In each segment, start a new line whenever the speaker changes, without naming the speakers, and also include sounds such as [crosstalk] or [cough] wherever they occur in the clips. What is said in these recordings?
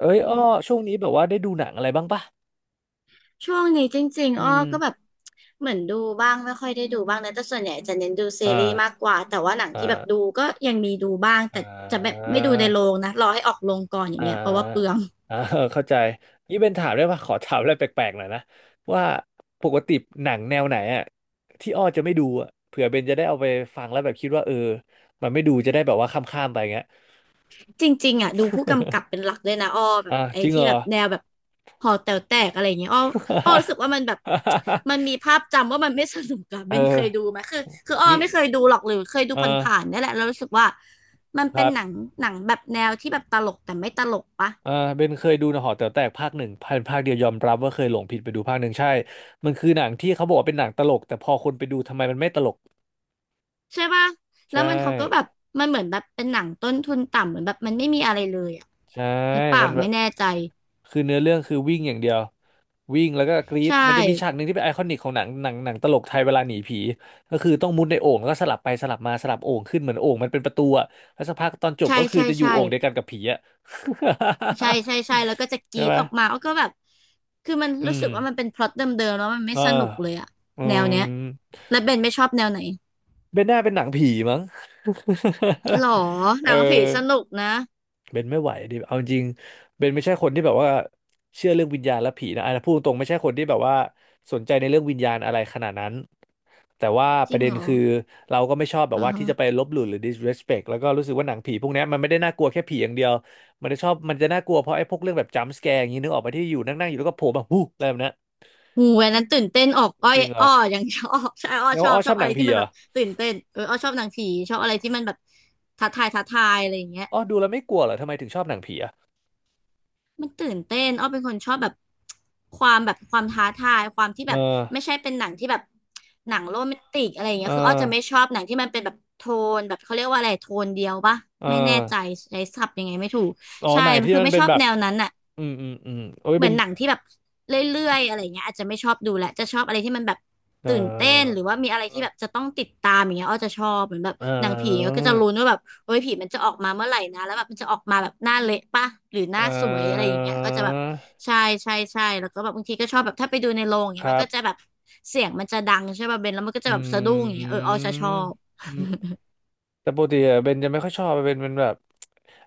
เอ้ยอ้อช่วงนี้แบบว่าได้ดูหนังอะไรบ้างปะ
ช่วงนี้จริง
อื
ๆอ้อ
ม
ก็แบบเหมือนดูบ้างไม่ค่อยได้ดูบ้างนะแต่ส่วนใหญ่จะเน้นดูซี
อ่
รีส์มาก
า
กว่าแต่ว่าหนัง
อ่
ที่แบบดู
า
ก็ยังมีดูบ้าง
อ่
แต่จะแบบ
า
ไม่ดูในโรงนะรอให้ออกโรงก่อนอย่าง
อ่า
เงี้ยเพราะว่าเปลือง
อ่า [laughs] เข้าใจนี่เป็นถามได้ปะขอถามอะไรแปลกๆหน่อยนะว่าปกติหนังแนวไหนอะที่อ้อจะไม่ดูอะเผื่อเบนจะได้เอาไปฟังแล้วแบบคิดว่าเออมันไม่ดูจะได้แบบว่าข้ามๆไปเงี้ย
จริงๆอ่ะดูผู้กำกับเป็นหลักเลยนะอ้อแบ
อ่ะ
บไอ้
จริงเห
ที่
รอ
แบบแนวแบบหอแต๋วแตกอะไรอย่างเงี้ยอ้อรู้สึกว่ามันแบบมันมีภาพจำว่ามันไม่สนุกอะ
[laughs]
เบ
เอ
นเค
อ
ยดูไหมคืออ้อ
มี
ไม่เคยดูหรอกหรือเคยดู
เอ
ผ
อ
่านๆเนี่ยแหละแล้วรู้สึกว่ามัน
ค
เป็
รั
นหนัง
บ
หนังแบบแนวที่แบบตลกแต่ไม่ตลกปะ
อ่าเบนเคยดูนะหอแต๋วแตกภาคหนึ่งพันภาคเดียวยอมรับว่าเคยหลงผิดไปดูภาคหนึ่งใช่มันคือหนังที่เขาบอกว่าเป็นหนังตลกแต่พอคนไปดูทำไมมันไม่ตลก
ใช่ป่ะ
ใช
แล้วมันเขาก็แบบ
่
มันเหมือนแบบเป็นหนังต้นทุนต่ำเหมือนแบบมันไม่มีอะไรเลยอ่ะ
ใช่
หรือเปล่า
มันแบ
ไม่
บ
แน่ใจ
คือเนื้อเรื่องคือวิ่งอย่างเดียววิ่งแล้วก็กรี๊ด
ใช่
มันจะมีฉากหนึ่งที่เป็นไอคอนิกของหนังตลกไทยเวลาหนีผีก็คือต้องมุดในโอ่งแล้วก็สลับไปสลับมาสลับโอ่งขึ้นเหมือนโอ่งมันเป็นประตูอะแล้วสักพักตอนจบ
ใช่
ก็คือ
ใช่
จะอยู่
ใช่
โอ่งเดียวกันกับผีอะ
ใช่ใช่ใช่แล้วก็จะ
[laughs]
ก
ใช่
รีด
ไหม
ออกมาเลาก็แบบคือมัน
อื
รู้
ม
สึกว่ามันเป็นพล็อตเดิมๆแล้วมันไม่
เออ
สนุกเลยอ่ะ
อื
แนวเนี้
ม
ยแล้วเบนไม่ชอบแนวไหน
เบนน่าเป็นหนังผีมั้ง
หรอ
[laughs] เอ
ห
อ
นังผีสนุกนะ
เบนไม่ไหวดิเอาจริงๆเบนไม่ใช่คนที่แบบว่าเชื่อเรื่องวิญญาณและผีนะอันนั้นพูดตรงๆไม่ใช่คนที่แบบว่าสนใจในเรื่องวิญญาณอะไรขนาดนั้นแต่ว่า
จ
ป
ริ
ระ
ง
เด็น
เหรอ
คือเราก็ไม่ชอบแบ
อื
บ
อ
ว่า
ฮะ
ที่จะไปลบหลู่หรือ disrespect แล้วก็รู้สึกว่าหนังผีพวกเนี้ยมันไม่ได้น่ากลัวแค่ผีอย่างเดียวมันจะชอบมันจะน่ากลัวเพราะไอ้พวกเรื่องแบบ jump scare อย่างนี้นึกออกไปที่อยู่นั่งๆอยู่แล้วก็โผล่แบบหูอะไรแบบนั้น
งูอันนั้นตื่นเต้นออกอ้อ
จ
ย
ริงเหร
อ้
อ
ออย่างชอบ [laughs] ใช่อ้อ
แล้ว
ชอ
อ้
บ
อ
ช
ช
อ
อ
บ
บห
อะ
นั
ไร
งผี
ที่มั
เห
น
ร
แบ
อ
บตื่นเต้นเอออ้อชอบหนังผีชอบอะไรที่มันแบบท้าทายท้าทายอะไรอย่างเงี้ย
อ้อดูแล้วไม่กลัวเหรอทำไมถึงชอบหนังผีอะ
มันตื่นเต้นอ้อเป็นคนชอบแบบความแบบความท้าทายความที่
เออ
แบบไม่ใช่เป็นหนังที่แบบหนังโรแมนติกอะไรอย่าง
เอ
เงี้
อ
ยคืออ้อจะไม่ชอบหนังที่มันเป็นแบบโทนแบบเขาเรียกว่าอะไรโทนเดียวปะ
เอ
ไม่แน่ใจ
่
ใช้ศัพท์ยังไงไม่ถูก
อ๋อ
ใช่
หนังที่
คือ
มัน
ไม่
เป็
ช
น
อบ
แบบ
แนวนั้นอ่ะ
อืมอืมอืมโอ้ย
เหมื
เป็
อน
น
หนังที่แบบเรื่อยๆอะไรเงี้ยอาจจะไม่ชอบดูแหละจะชอบอะไรที่มันแบบ
เอ่
ตื่นเต้นห
อ
รือว่ามีอะไรที่
เ
แบบจะต้องติดตามอย่างเงี้ยอ้อจะชอบเหมือนแบบ
อ่
หนังผี
อ
ก็จะลุ้นว่าแบบโอ้ยผีมันจะออกมาเมื่อไหร่นะแล้วแบบมันจะออกมาแบบหน้าเละปะหรือห
เอ
น้าสวยอะไรอ
อ
ย่างเงี้ยก็จะแบบใช่ใช่ใช่แล้วก็แบบบางทีก็ชอบแบบถ้าไปดูในโรงอย่าง
ค
เงี้ย
รั
มันก็จะ
บ
แบบเสียงมันจะดังใช่ป่ะเบนแล้วมันก็
อ
จะแบบสะดุ้งอย่าง
ื
เงี้ยเอออ้อจะชอบ
ม แต่ปกติอะเบนจะไม่ค่อยชอบเป็นแบบ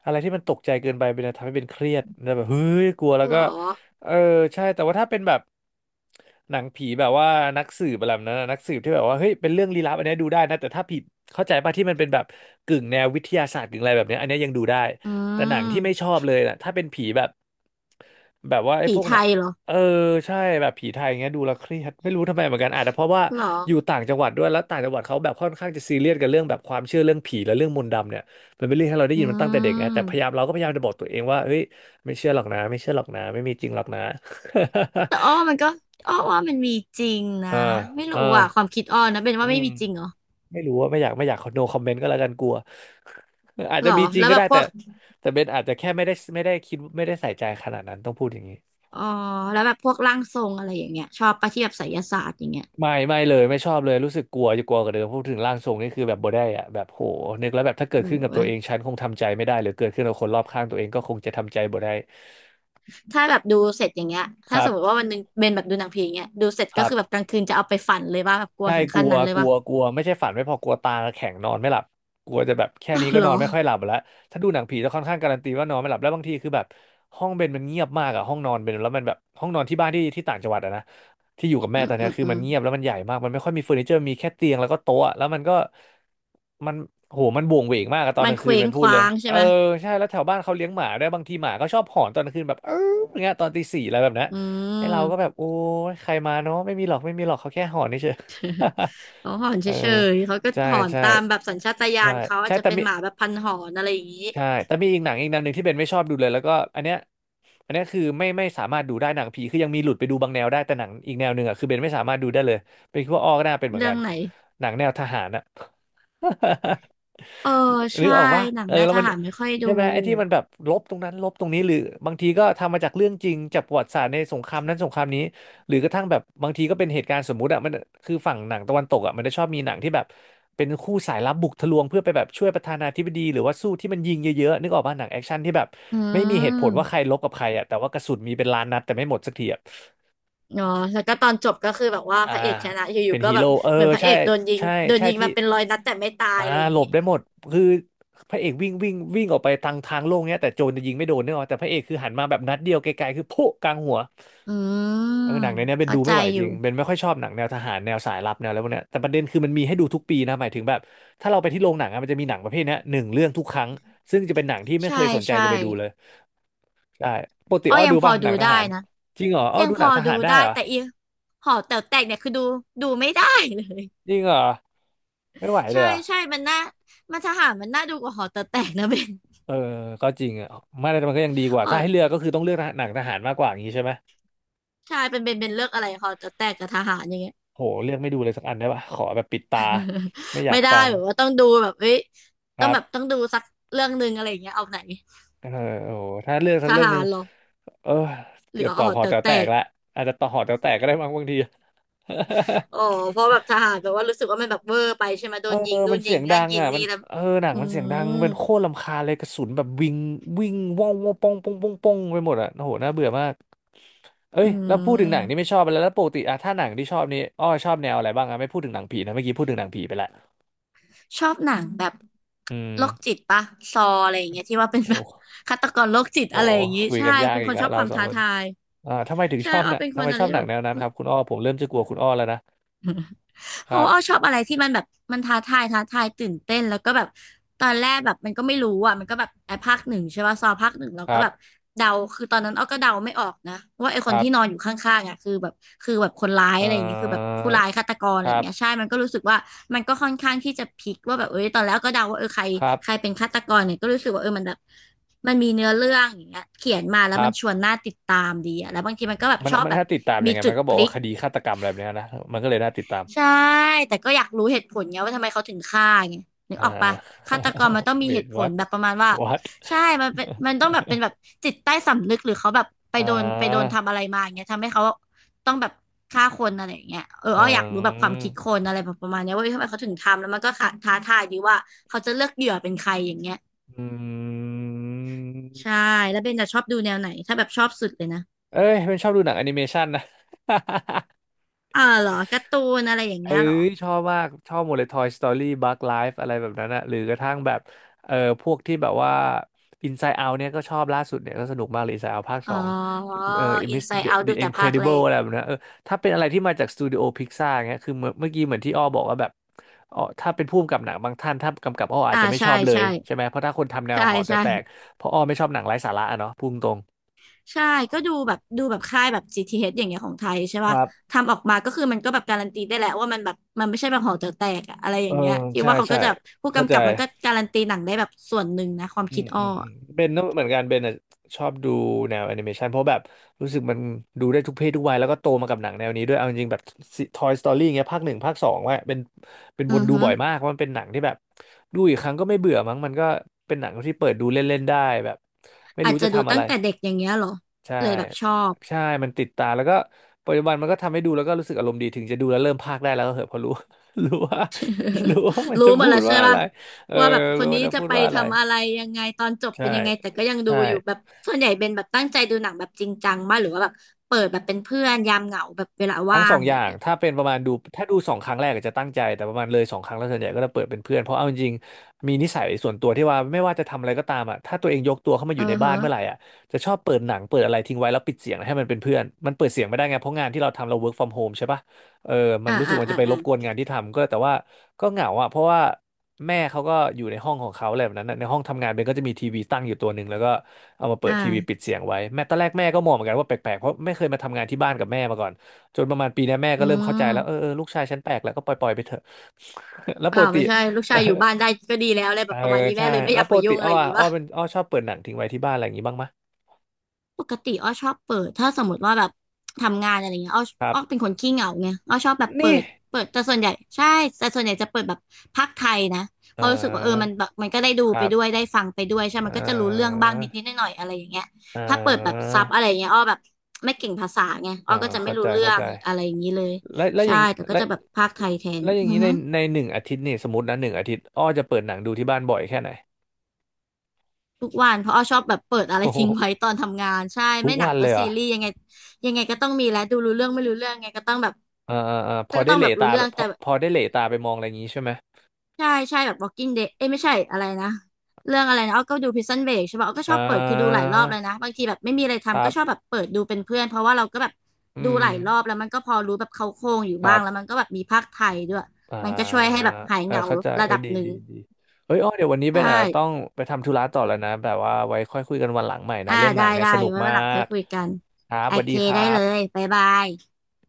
อะไรที่มันตกใจเกินไปเป็นจะทำให้เบนเครียดแล้วแบบเฮ้ยกลัวแล้ว
เหร
ก็
อ
เออใช่แต่ว่าถ้าเป็นแบบหนังผีแบบว่านักสืบอะไรแบบนั้นอะนักสืบที่แบบว่าเฮ้ยเป็นเรื่องลี้ลับอันเนี้ยดูได้นะแต่ถ้าผิดเข้าใจป่ะที่มันเป็นแบบกึ่งแนววิทยาศาสตร์กึ่งอะไรแบบเนี้ยอันเนี้ยยังดูได้
อื
แต่หนังที่ไม่ช
ม
อบเลยนะถ้าเป็นผีแบบแบบว่าไอ้
ผี
พวก
ไท
น่ะ
ยเหรอ
เออใช่แบบผีไทยเงี้ยดูแล้วเครียดไม่รู้ทำไมเหมือนกันอาจจะเพราะว่า
เหรอ
อยู่ต่างจังหวัดด้วยแล้วต่างจังหวัดเขาแบบค่อนข้างจะซีเรียสกับเรื่องแบบความเชื่อเรื่องผีและเรื่องมนต์ดำเนี่ยมันเป็นเรื่องที่เราได้
อื
ยินมันตั้งแต่เด็กไงแต่พยายาม
ม
เราก็พยายามจะบอกตัวเองว่าเฮ้ยไม่เชื่อหรอกนะไม่เชื่อหรอกนะไม่มีจริงหรอกนะ
แต่อ้อ
[laughs]
มันก็อ้อว่ามันมีจริงนะ
อ่า
ไม่รู้
อ่า
อ่ะความคิดอ้อนะเป็น
อื
ว่าไม่
ม
มีจริงเหรอ
ไม่รู้ว่าไม่อยากโนคอมเมนต์ก็แล้วกันกลัว [laughs] อาจ
ห
จะ
รอ
มีจริ
แล้
ง
ว
ก็
แบ
ได้
บพ
แต่
วก
แต่เบนอาจจะแค่ไม่ได้คิดไม่ได้ใส่ใจขนาดนั้นต้องพูดอย่างนี้
อ๋อแล้วแบบพวกร่างทรงอะไรอย่างเงี้ยชอบปะที่แบบไสยศาสตร์อย่างเงี้ย
ไม่เลยไม่ชอบเลยรู้สึกกลัวจะกลัวกว่าเดิมพูดถึงร่างทรงนี่คือแบบบ่ได้อะแบบโหนึกแล้วแบบถ้าเกิด
โอ้
ขึ้นกับตั
ย
วเองฉันคงทำใจไม่ได้หรือเกิดขึ้นกับคนรอบข้างตัวเองก็คงจะทำใจบ่ได้
ถ้าแบบดูเสร็จอย่างเงี้ย
ค
ถ้า
รั
สมมติ
บ
ว่าวันหนึงเบนแบบดูหนังผีอย่างเงี้ยดูเสร็จ
ค
ก็
รับ
คือแบบกลางคืนจะเอาไปฝันเลยว่าแบบกลัว
ใช่
ถึง
ก
ขั้
ลั
น
ว
นั้นเลย
กลั
ว่า
วกลัวไม่ใช่ฝันไม่พอกลัวตาแข็งนอนไม่หลับกลัวจะแบบแค่นี้
[laughs]
ก็
หร
นอน
อ
ไม่ค่อยหลับแล้วถ้าดูหนังผีจะค่อนข้างการันตีว่านอนไม่หลับแล้วบางทีคือแบบห้องเบนมันเงียบมากอะห้องนอนเบนแล้วมันแบบห้องนอนที่บ้านที่ต่างจังหวัดอะนะที่อยู่กับแม่
อื
ต
ม
อนเนี้
อื
ย
ม
คือ
อื
มัน
ม
เงียบแล้วมันใหญ่มากมันไม่ค่อยมีเฟอร์นิเจอร์มีแค่เตียงแล้วก็โต๊ะแล้วมันก็มันโหมันโหวงเหวงมากอะตอน
มั
ก
น
ลาง
เค
คืน
ว้ง
มันพู
ค
ดเลย
ว้างใช่
เออ
ไหม
ใช่แล้วแถวบ้านเขาเลี้ยงหมาด้วยบางทีหมาก็ชอบหอนตอนกลางคืนแบบเอออย่างเงี้ยตอนตีสี่อะไรแบบนั้น
อื
ไอ้เราก็แบบ
ม
โอ้ยใครมาเนาะไม่มีหรอกไม่มีหรอกเขาแค่หอนเฉย
เขาหอน
[laughs] เอ
เฉ
อ
ยๆเขาก็
ใช่
หอน
ใช่
ตามแบบสัญชาตญา
ใช่
ณเขาอา
ใช่
จจะ
แต่
เป็น
มี
หมาแบบพันหอนอะไรอย่างงี้
ใช่แต่มีอีกหนังอีกแนวหนึ่งที่เบนไม่ชอบดูเลยแล้วก็อันเนี้ยคือไม่สามารถดูได้หนังผีคือยังมีหลุดไปดูบางแนวได้แต่หนังอีกแนวหนึ่งอ่ะคือเบนไม่สามารถดูได้เลยเป็นคิดว่าอ้อก็น่าเป็นเหมือน
เรื่อ
กั
ง
น
ไหน
หนังแนวทหารอ่ะ
เออ
[laughs] นึ
ใช่
กออกว่า
หนัง
เออ
ได้
แล้ว
ท
มัน
หารไม่ค่อยดู
ใช่ไหมไอ้ที่มันแบบลบตรงนั้นลบตรงนี้หรือบางทีก็ทำมาจากเรื่องจริงจากประวัติศาสตร์ในสงครามนั้นสงครามนี้ หรือกระทั่งแบบบางทีก็เป็นเหตุการณ์สมมุติอะมันคือฝั่งหนังตะวันตกอะมันจะชอบมีหนังที่แบบเป็นคู่สายลับบุกทะลวงเพื่อไปแบบช่วยประธานาธิบดีหรือว่าสู้ที่มันยิงเยอะๆนึกออกป่ะหนังแอคชั่นที่แบบ
อื
ไม่มีเหตุผลว่าใค
ม
รลบกับใครอะแต่ว่ากระสุนมีเป็นล้านนัดแต่ไม่หมดสักทีอะ
เนาะแล้วก็ตอนจบก็คือแบบว่า
อ่า
พระเอกชนะอ
เป็
ยู่
น
ๆก็
ฮี
แบบ
โร่เออ
เหมือนพระเอ
ใช่
กโดนยิง
ใช่
โดน
ใช่
ยิง
ที่
มาเป็นร้อยนัดแต่ไม่ตาย
อ่า
อะไรอย่า
ห
ง
ล
นี้
บได้หมดคือพระเอกวิ่งวิ่งวิ่งออกไปทางโล่งเนี้ยแต่โจรจะยิงไม่โดนเนกออกแต่พระเอกคือหันมาแบบนัดเดียวไกลๆคือพุกลางหัว
อื
เอ
ม
อหนังในเนี้ยเบน
เข้า
ดู
ใจ
ไม่ไหว
อ
จ
ยู่
ริงเบนไม่ค่อยชอบหนังแนวทหารแนวสายลับแนวอะไรพวกเนี้ยแต่ประเด็นคือมันมีให้ดูทุกปีนะหมายถึงแบบถ้าเราไปที่โรงหนังอะมันจะมีหนังประเภทเนี้ยหนึ่งเรื่องทุกครั้งซึ่งจะเป็นหนังที่ไม่เค
ใช่
ยสนใจ
ใช่
จะไปดูเลยใช่ปกติ
อ้อ
อ้อ
ยั
ดู
งพอ
ป่ะห
ดู
นังท
ได้
หาร
นะ
จริงเหรออ้อ
ยัง
ดู
พ
หนั
อ
งท
ดู
หารได้
ได้
เหรอ
แต่อีหอแต๋วแตกเนี่ยคือดูดูไม่ได้เลย
จริงเหรอไม่ไหวเล
ใช่
ยเหรอ
ใช่มันน่ามันทหารมันน่าดูกว่าหอแต๋วแตกนะ [laughs] เบน
เออก็จริงอ่ะไม่แต่มันก็ยังดีกว่า
หอ
ถ้าให้เลือกก็คือต้องเลือกหนังทหารมากกว่าอย่างนี้ใช่ไหม
ใช่เป็นเบนเบนเลือกอะไรหอแต๋วแตกกับทหารอย่างเงี้ย
โหเลือกไม่ดูเลยสักอันได้ป่ะขอแบบปิดตา
[laughs]
ไม่อยา
ไม่
ก
ได้
ฟัง
แบบว่าต้องดูแบบเอ้ย
ค
ต้อง
รั
แบบ
บ
ต้องดูสักเรื่องหนึ่งอะไรอย่างเงี้ยเอาไหน
เออโอ้โหถ้าเลือกสั
ท
กเรื่องห
หา
นึ่
ร
ง
เหรอ
เออ
หรื
เกื
อ
อบ
อ๋
ตอ
อ
บหอ
แต่
แต๋ว
แต
แตก
ก
ละอาจจะตอบหอแต๋วแตกก็ได้บางที [laughs]
อ๋อเพราะแบบทหารแบบว่ารู้สึกว่ามันแบบเวอร์ไปใช่ไหมโด
เออ
นยิงนู่
มัน
นยิ
เสีย
ง
งดั
นั่น
ง
ยิง
อ่ะมั
นี่
น
แล้ว
เออหนัง
อื
มันเสียงดัง
ม
เป็นโคตรรำคาญเลยกระสุนแบบวิ่งวิ่งว่องว่องป่องป่องป่องป่องไปหมดอ่ะโอ้โหน่าเบื่อมากเอ้
อื
ยแล้วพูดถึงหนังนี่ไม่
ม
ชอบไปแล้วแล้วปกติอะถ้าหนังที่ชอบนี่อ้อชอบแนวอะไรบ้างอะไม่พูดถึงหนังผีนะเมื่อกี้พูดถึงหนังผีไปละ
ชอบหนังแบบ
อื
โรคจิ
ม
ตปะซออะไรอย่างเงี้ยที่ว่าเป็นแบ
โอ้
บ [laughs] ฆาตกรโรคจิต
โห
อะไรอย่างงี้
คุย
ใช่
กันยาก
เป็น
อี
ค
ก
น
แล้
ช
ว
อบ
เรา
ความ
สอง
ท้า
คน
ทาย
อ่าทำไมถึง
ใช่
ชอบ
อ้
ห
อ
นะ
เป็นค
ทำ
น
ไม
อะไร
ชอบห
ที่
นั
แบ
ง
บ
แนวนั้นครับคุณอ้อผมเริ่มจะกลัวคุณอ้อแล้วนะค
เพราะ
รั
ว่าอ้อช
บ
อบอะไรที่มันแบบมันท้าทายตื่นเต้นแล้วก็แบบตอนแรกแบบมันก็ไม่รู้อ่ะมันก็แบบไอ้ภาคหนึ่งใช่ป่ะซอภาคหนึ่งเรา
ค
ก็
รั
แบบ
บ
เดาคือตอนนั้นอ้อก็เดาไม่ออกนะว่าไอ้ค
ค
น
รั
ที่นอนอ
บ
ยู่ข้างๆอ่ะคือแบบคนร้ายอะ
เอ่
ไรอย่างเงี้ยคือแบบ
อ
ผู้ร้ายฆาตกร
ค
อะไรอ
รั
ย่าง
บ
เงี้ยใช่มันก็รู้สึกว่ามันก็ค่อนข้างที่จะพลิกว่าแบบเอ้ยตอนแรกก็เดาว่าเออใคร
ครับ
ใครเป็นฆาตกรเนี่ยก็รู้สึกว่าเออมันแบบมันมีเนื้อเรื่องอย่างเงี้ยเขียนมา
ค
แล้ว
รั
มันชว
บ
นน่าติดตามดีอะแล้วบางทีมันก็แบบ
มัน
ชอบ
มัน
แบบ
น่าติดตามยั
มี
งไง
จุ
มัน
ด
ก็บ
พ
อก
ลิ
ว่า
ก
คดีฆาตกรรมอะไรแบบเนี้ยนะมันก็เลยน่าติดตาม
ใช่ แต่ก็อยากรู้เหตุผลไงว่าทำไมเขาถึงฆ่าไงนึก
อ่า
ออกปะฆาตกรมัน
[laughs]
ต้องมีเห
wait
ตุผล
what
แบบประมาณว่า
what
ใช่มันเป็นมันต้องแบบเป็นแบบจิตใต้สำนึกหรือเขาแบบไป
อ่
โดนไปโดน
า
ทำอะไรมาอย่างเงี้ยทำให้เขาต้องแบบฆ่าคนอะไรอย่างเงี้ยเออ
อื
อ้ออยากรู้แบบความคิดค
ม
นอะไรแบบประมาณเนี้ยว่าเอ้ยทำไมเขาถึงทำแล้วมันก็ท้าทายดีว่าเขาจะเลือกเหยื่อเป็นใครอย่างเงี้ย
อื
ใช่
ม
แล้วเบนจะชอบดูแนวไหนถ้าแบบชอบสุดเลยนะ
เอ้ยเป็นชอบดูหนังแอนิเมชันนะ [laughs]
อ่าเหรอการ์ตูนอะไรอย่าง
เอ้
เงี้ยเหรอ
ยชอบมากชอบหมดเลย Toy Story Bug Life อะไรแบบนั้นอะหรือกระทั่งแบบเออพวกที่แบบว่า Inside Out เนี่ยก็ชอบล่าสุดเนี่ยก็สนุกมากเลย Inside Out ภาคส
อ๋อ
องเออ Miss
Inside
The
Out
The
ดูแต่ภาคแร
Incredible
ก
อะไรแบบนั้นเออถ้าเป็นอะไรที่มาจากสตูดิโอพิกซ่าร์เงี้ยคือเมื่อกี้เหมือนที่อ้อบอกว่าแบบอ๋อถ้าเป็นผู้กำกับหนังบางท่านถ้ากำกับอ้ออาจ
อ่า
จะไม่ช
ใช่
อบเลย
ใช่
ใช่ไหมเพราะถ้าคนทำแนว
ใช่
หอจะ
ใช่
แตกเพราะอ้อไม่ชอบหนังไร้สาระอะเนาะพูดตรง
ใช่ก็ดูแบบค่ายแบบจีทีเอชอย่างเงี้ยของไทยใช่
ค
ป่ะ
รับ
ทำออกมาก็คือมันก็แบบการันตีได้แหละว่ามันแบบมันไม่ใช่แบบหอแต๋วแตกอะอะไรอ
เอ
ย่า
อ
งเงี้ยที่
ใช่
ว่าเขา
ใช่
ก็จะผู้
เข้า
กำ
ใจ
กับมันก็การันตีหนังได้แบบส่วนหนึ่งนะความ
อื
คิ
ม
ดอ้
อื
อ
มอืม
อะ
เบนก็เหมือนกันเบนอ่ะชอบดูแนวแอนิเมชันเพราะแบบรู้สึกมันดูได้ทุกเพศทุกวัยแล้วก็โตมากับหนังแนวนี้ด้วยเอาจริงๆแบบ Toy Story เงี้ยภาคหนึ่งภาคสองว่าเป็นเป็น
อื
วน
อ
ดู
ฮึ
บ่อยมากเพราะมันเป็นหนังที่แบบดูอีกครั้งก็ไม่เบื่อมั้งมันก็เป็นหนังที่เปิดดูเล่นๆได้แบบไม่
อา
รู้
จจะ
จะ
ดู
ทำอะ
ตั้
ไร
งแต่เด็กอย่างเงี้ยเหรอ
ใช่
เลยแบบชอบ
ใช่มันติดตาแล้วก็ปัจจุบันมันก็ทำให้ดูแล้วก็รู้สึกอารมณ์ดีถึงจะดูแล้วเริ่มพากย์ได้แล้วก็เหอะเพอรู้ [laughs] รู้ว่ามัน
[laughs]
จะ
รู้หม
พู
ดแล้
ด
วใช่
ว่าอะไร
ป่ะ
เออ
ว่าแบบค
รู้
น
ว่ามั
นี้
นจะ
จะ
พูด
ไป
ว่าอะไร
ทำอะไรยังไงตอนจบ
ใช่
เป็นยังไงแต่ก็ยังดู
ใช่
อยู่แบบส่วนใหญ่เป็นแบบตั้งใจดูหนังแบบจริงจังมากหรือว่าแบบเปิดแบบเป็นเพื่อนยามเหงาแบบเวลา
ทั้
ว่า
งส
ง
อง
อะ
อ
ไร
ย่าง
เงี้ย
ถ้าเป็นประมาณดูถ้าดูสองครั้งแรกอาจจะตั้งใจ แต่ประมาณเลยสองครั้งแล้วส่วนใหญ่ก็จะเปิดเป็นเพื่อน เพราะเอาจริงๆมีนิสัยส่วนตัวที่ว่าไม่ว่าจะทำอะไรก็ตามอ่ะถ้าตัวเองยกตัวเข้ามาอ
เออ
ยู่ในบ้านเมื่อไหร่
ฮะ
อ่ะจะชอบเปิดหนังเปิดอะไรทิ้งไว้แล้วปิดเสียงให้มันเป็นเพื่อนมันเปิดเสียงไม่ได้ไง เพราะงานที่เราทำเรา work from home ใช่ปะเออมัน
อ่า
รู้สึก
อ่า
ว่าจะ
อ่า
ไปร
อ่า
บกวนงานที่ทำก็แต่ว่าก็เหงาอ่ะเพราะว่าแม่เขาก็อยู่ในห้องของเขาอะไรแบบนั้นน่ะในห้องทำงานเบนก็จะมีทีวีตั้งอยู่ตัวหนึ่งแล้วก็เอามาเปิดทีวีปิ
อ่า
ดเสียงไว้แม่ตอนแรกแม่ก็มองเหมือนกันว่าแปลกๆเพราะไม่เคยมาทำงานที่บ้านกับแม่มาก่อน จนประมาณปีเนี้ยแม่ก็
อื
เริ่มเข้าใจแล้วเออ
ม
เออลูกชายฉันแปลกแล้วก็ปล่อยปล่อยไปเถอะ [laughs] แล้ว
เป
ป
ล่า
กติ
ไม่ใช่ลูกชายอยู่บ้า
[laughs]
นได้ก็ดีแล้วอะไร
เอ
แบ
อ
บประมาณนี้แม่
ใช่
เลยไม่อ
แล้ว
ยาก
ป
มา
ก
ยุ่
ติ
งอะ
อ้
ไร
อ
อย่าง
อะ
งี้
อ้อ
ป่ะ
เป็นอ้อชอบเปิดหนังทิ้งไว้ที่บ้านอะไรอย่างงี้บ้างไหมะ
ปกติอ้อชอบเปิดถ้าสมมติว่าแบบทำงานอะไรเงี้ยอ้อ
ครั
อ้อ
บ
เป็นคนขี้เหงาไงอ้อชอบแบบเปิ
นี่
ดแต่ส่วนใหญ่ใช่แต่ส่วนใหญ่จะเปิดแบบพากย์ไทยนะ
เอ
เพราะรู้สึกว่าเออมัน
อ
แบบมันก็ได้ดู
ค
ไป
รับ
ด้วยได้ฟังไปด้วยใช่
เอ
มันก็จะรู้เรื่อง
อ
บ้างนิดนิดหน่อยหน่อยๆอะไรอย่างเงี้ย
เ
ถ้าเปิดแบบ
ออ
ซับอะไรเงี้ยอ้อแบบไม่เก่งภาษาไง
เอ
อ้อ
อ
ก็จะไม่
เข้า
รู้
ใจ
เรื่
เข้า
อ
ใจ
งอะไรอย่างนี้เลย
แล้วแล้วอ
ใช่
ย่าง
แต่ก็
แล้ว
จะแบบพากย์ไทยแทน
แล้วอ
อื
ย่าง
อ
นี้ใน
ฮึ
ในหนึ่งอาทิตย์นี่สมมตินะหนึ่งอาทิตย์อ้อจะเปิดหนังดูที่บ้านบ่อยแค่ไหน
ทุกวันเพราะอ้อชอบแบบเปิด
[laughs]
อะไร
โอ้โห
ทิ้งไว้ตอนทำงานใช่
ทุก
ไม่หนั
วั
ง
น
ก็
เลยเหร
ซี
อ
รีส์ยังไงยังไงก็ต้องมีแหละดูรู้เรื่องไม่รู้เรื่องไงก็ต้องแบบ
เออเออเออพ
ก็
อได้
ต้อง
เหล
แบบ
ตา
รู้เรื่
ไป
อง
พ
แต่
อพอได้เหลตาไปมองอะไรอย่างนี้ใช่ไหม
ใช่ใช่แบบ Walking Dead เอ้ยไม่ใช่อะไรนะเรื่องอะไรนะอ้อก็ดู Prison Break ใช่ป่ะอ้อก็ชอ
อ่า
บเปิดคือดูหลายรอบเลยนะบางทีแบบไม่มีอะไร
ค
ทำ
รั
ก็ชอบ
บ
แบบเปิดดูเป็นเพื่อนเพราะว่าเราก็แบบ
อื
ดู
ม
หลายรอบแล้วมันก็พอรู้แบบเขาโครงอยู่
ค
บ้า
รั
งแล้วมั
บ
นก็แบบมีภาคไทยด้วย
อ่า
มันก็ช่วยให้แบบหาย
เออ
เหงา
เข้าใจ
ระ
เออ
ดับ
ดี
หนึ่ง
ดีดีเอ้ยอ้อเดี๋ยววันนี้
ใช
เป็นอาจจะต้อง
่
ไปทำธุระต่อแล้วนะแบบว่าไว้ค่อยคุยกันวันหลังใหม่นะ
อ่า
เรื่องหนั
ได้
งเนี่ย
ได้
สนุก
ไว้วั
มา
นหลังค่อย
ก
คุยกัน
ครับ
โอ
สวัส
เค
ดีครั
ได้เลย
บ
บ๊ายบาย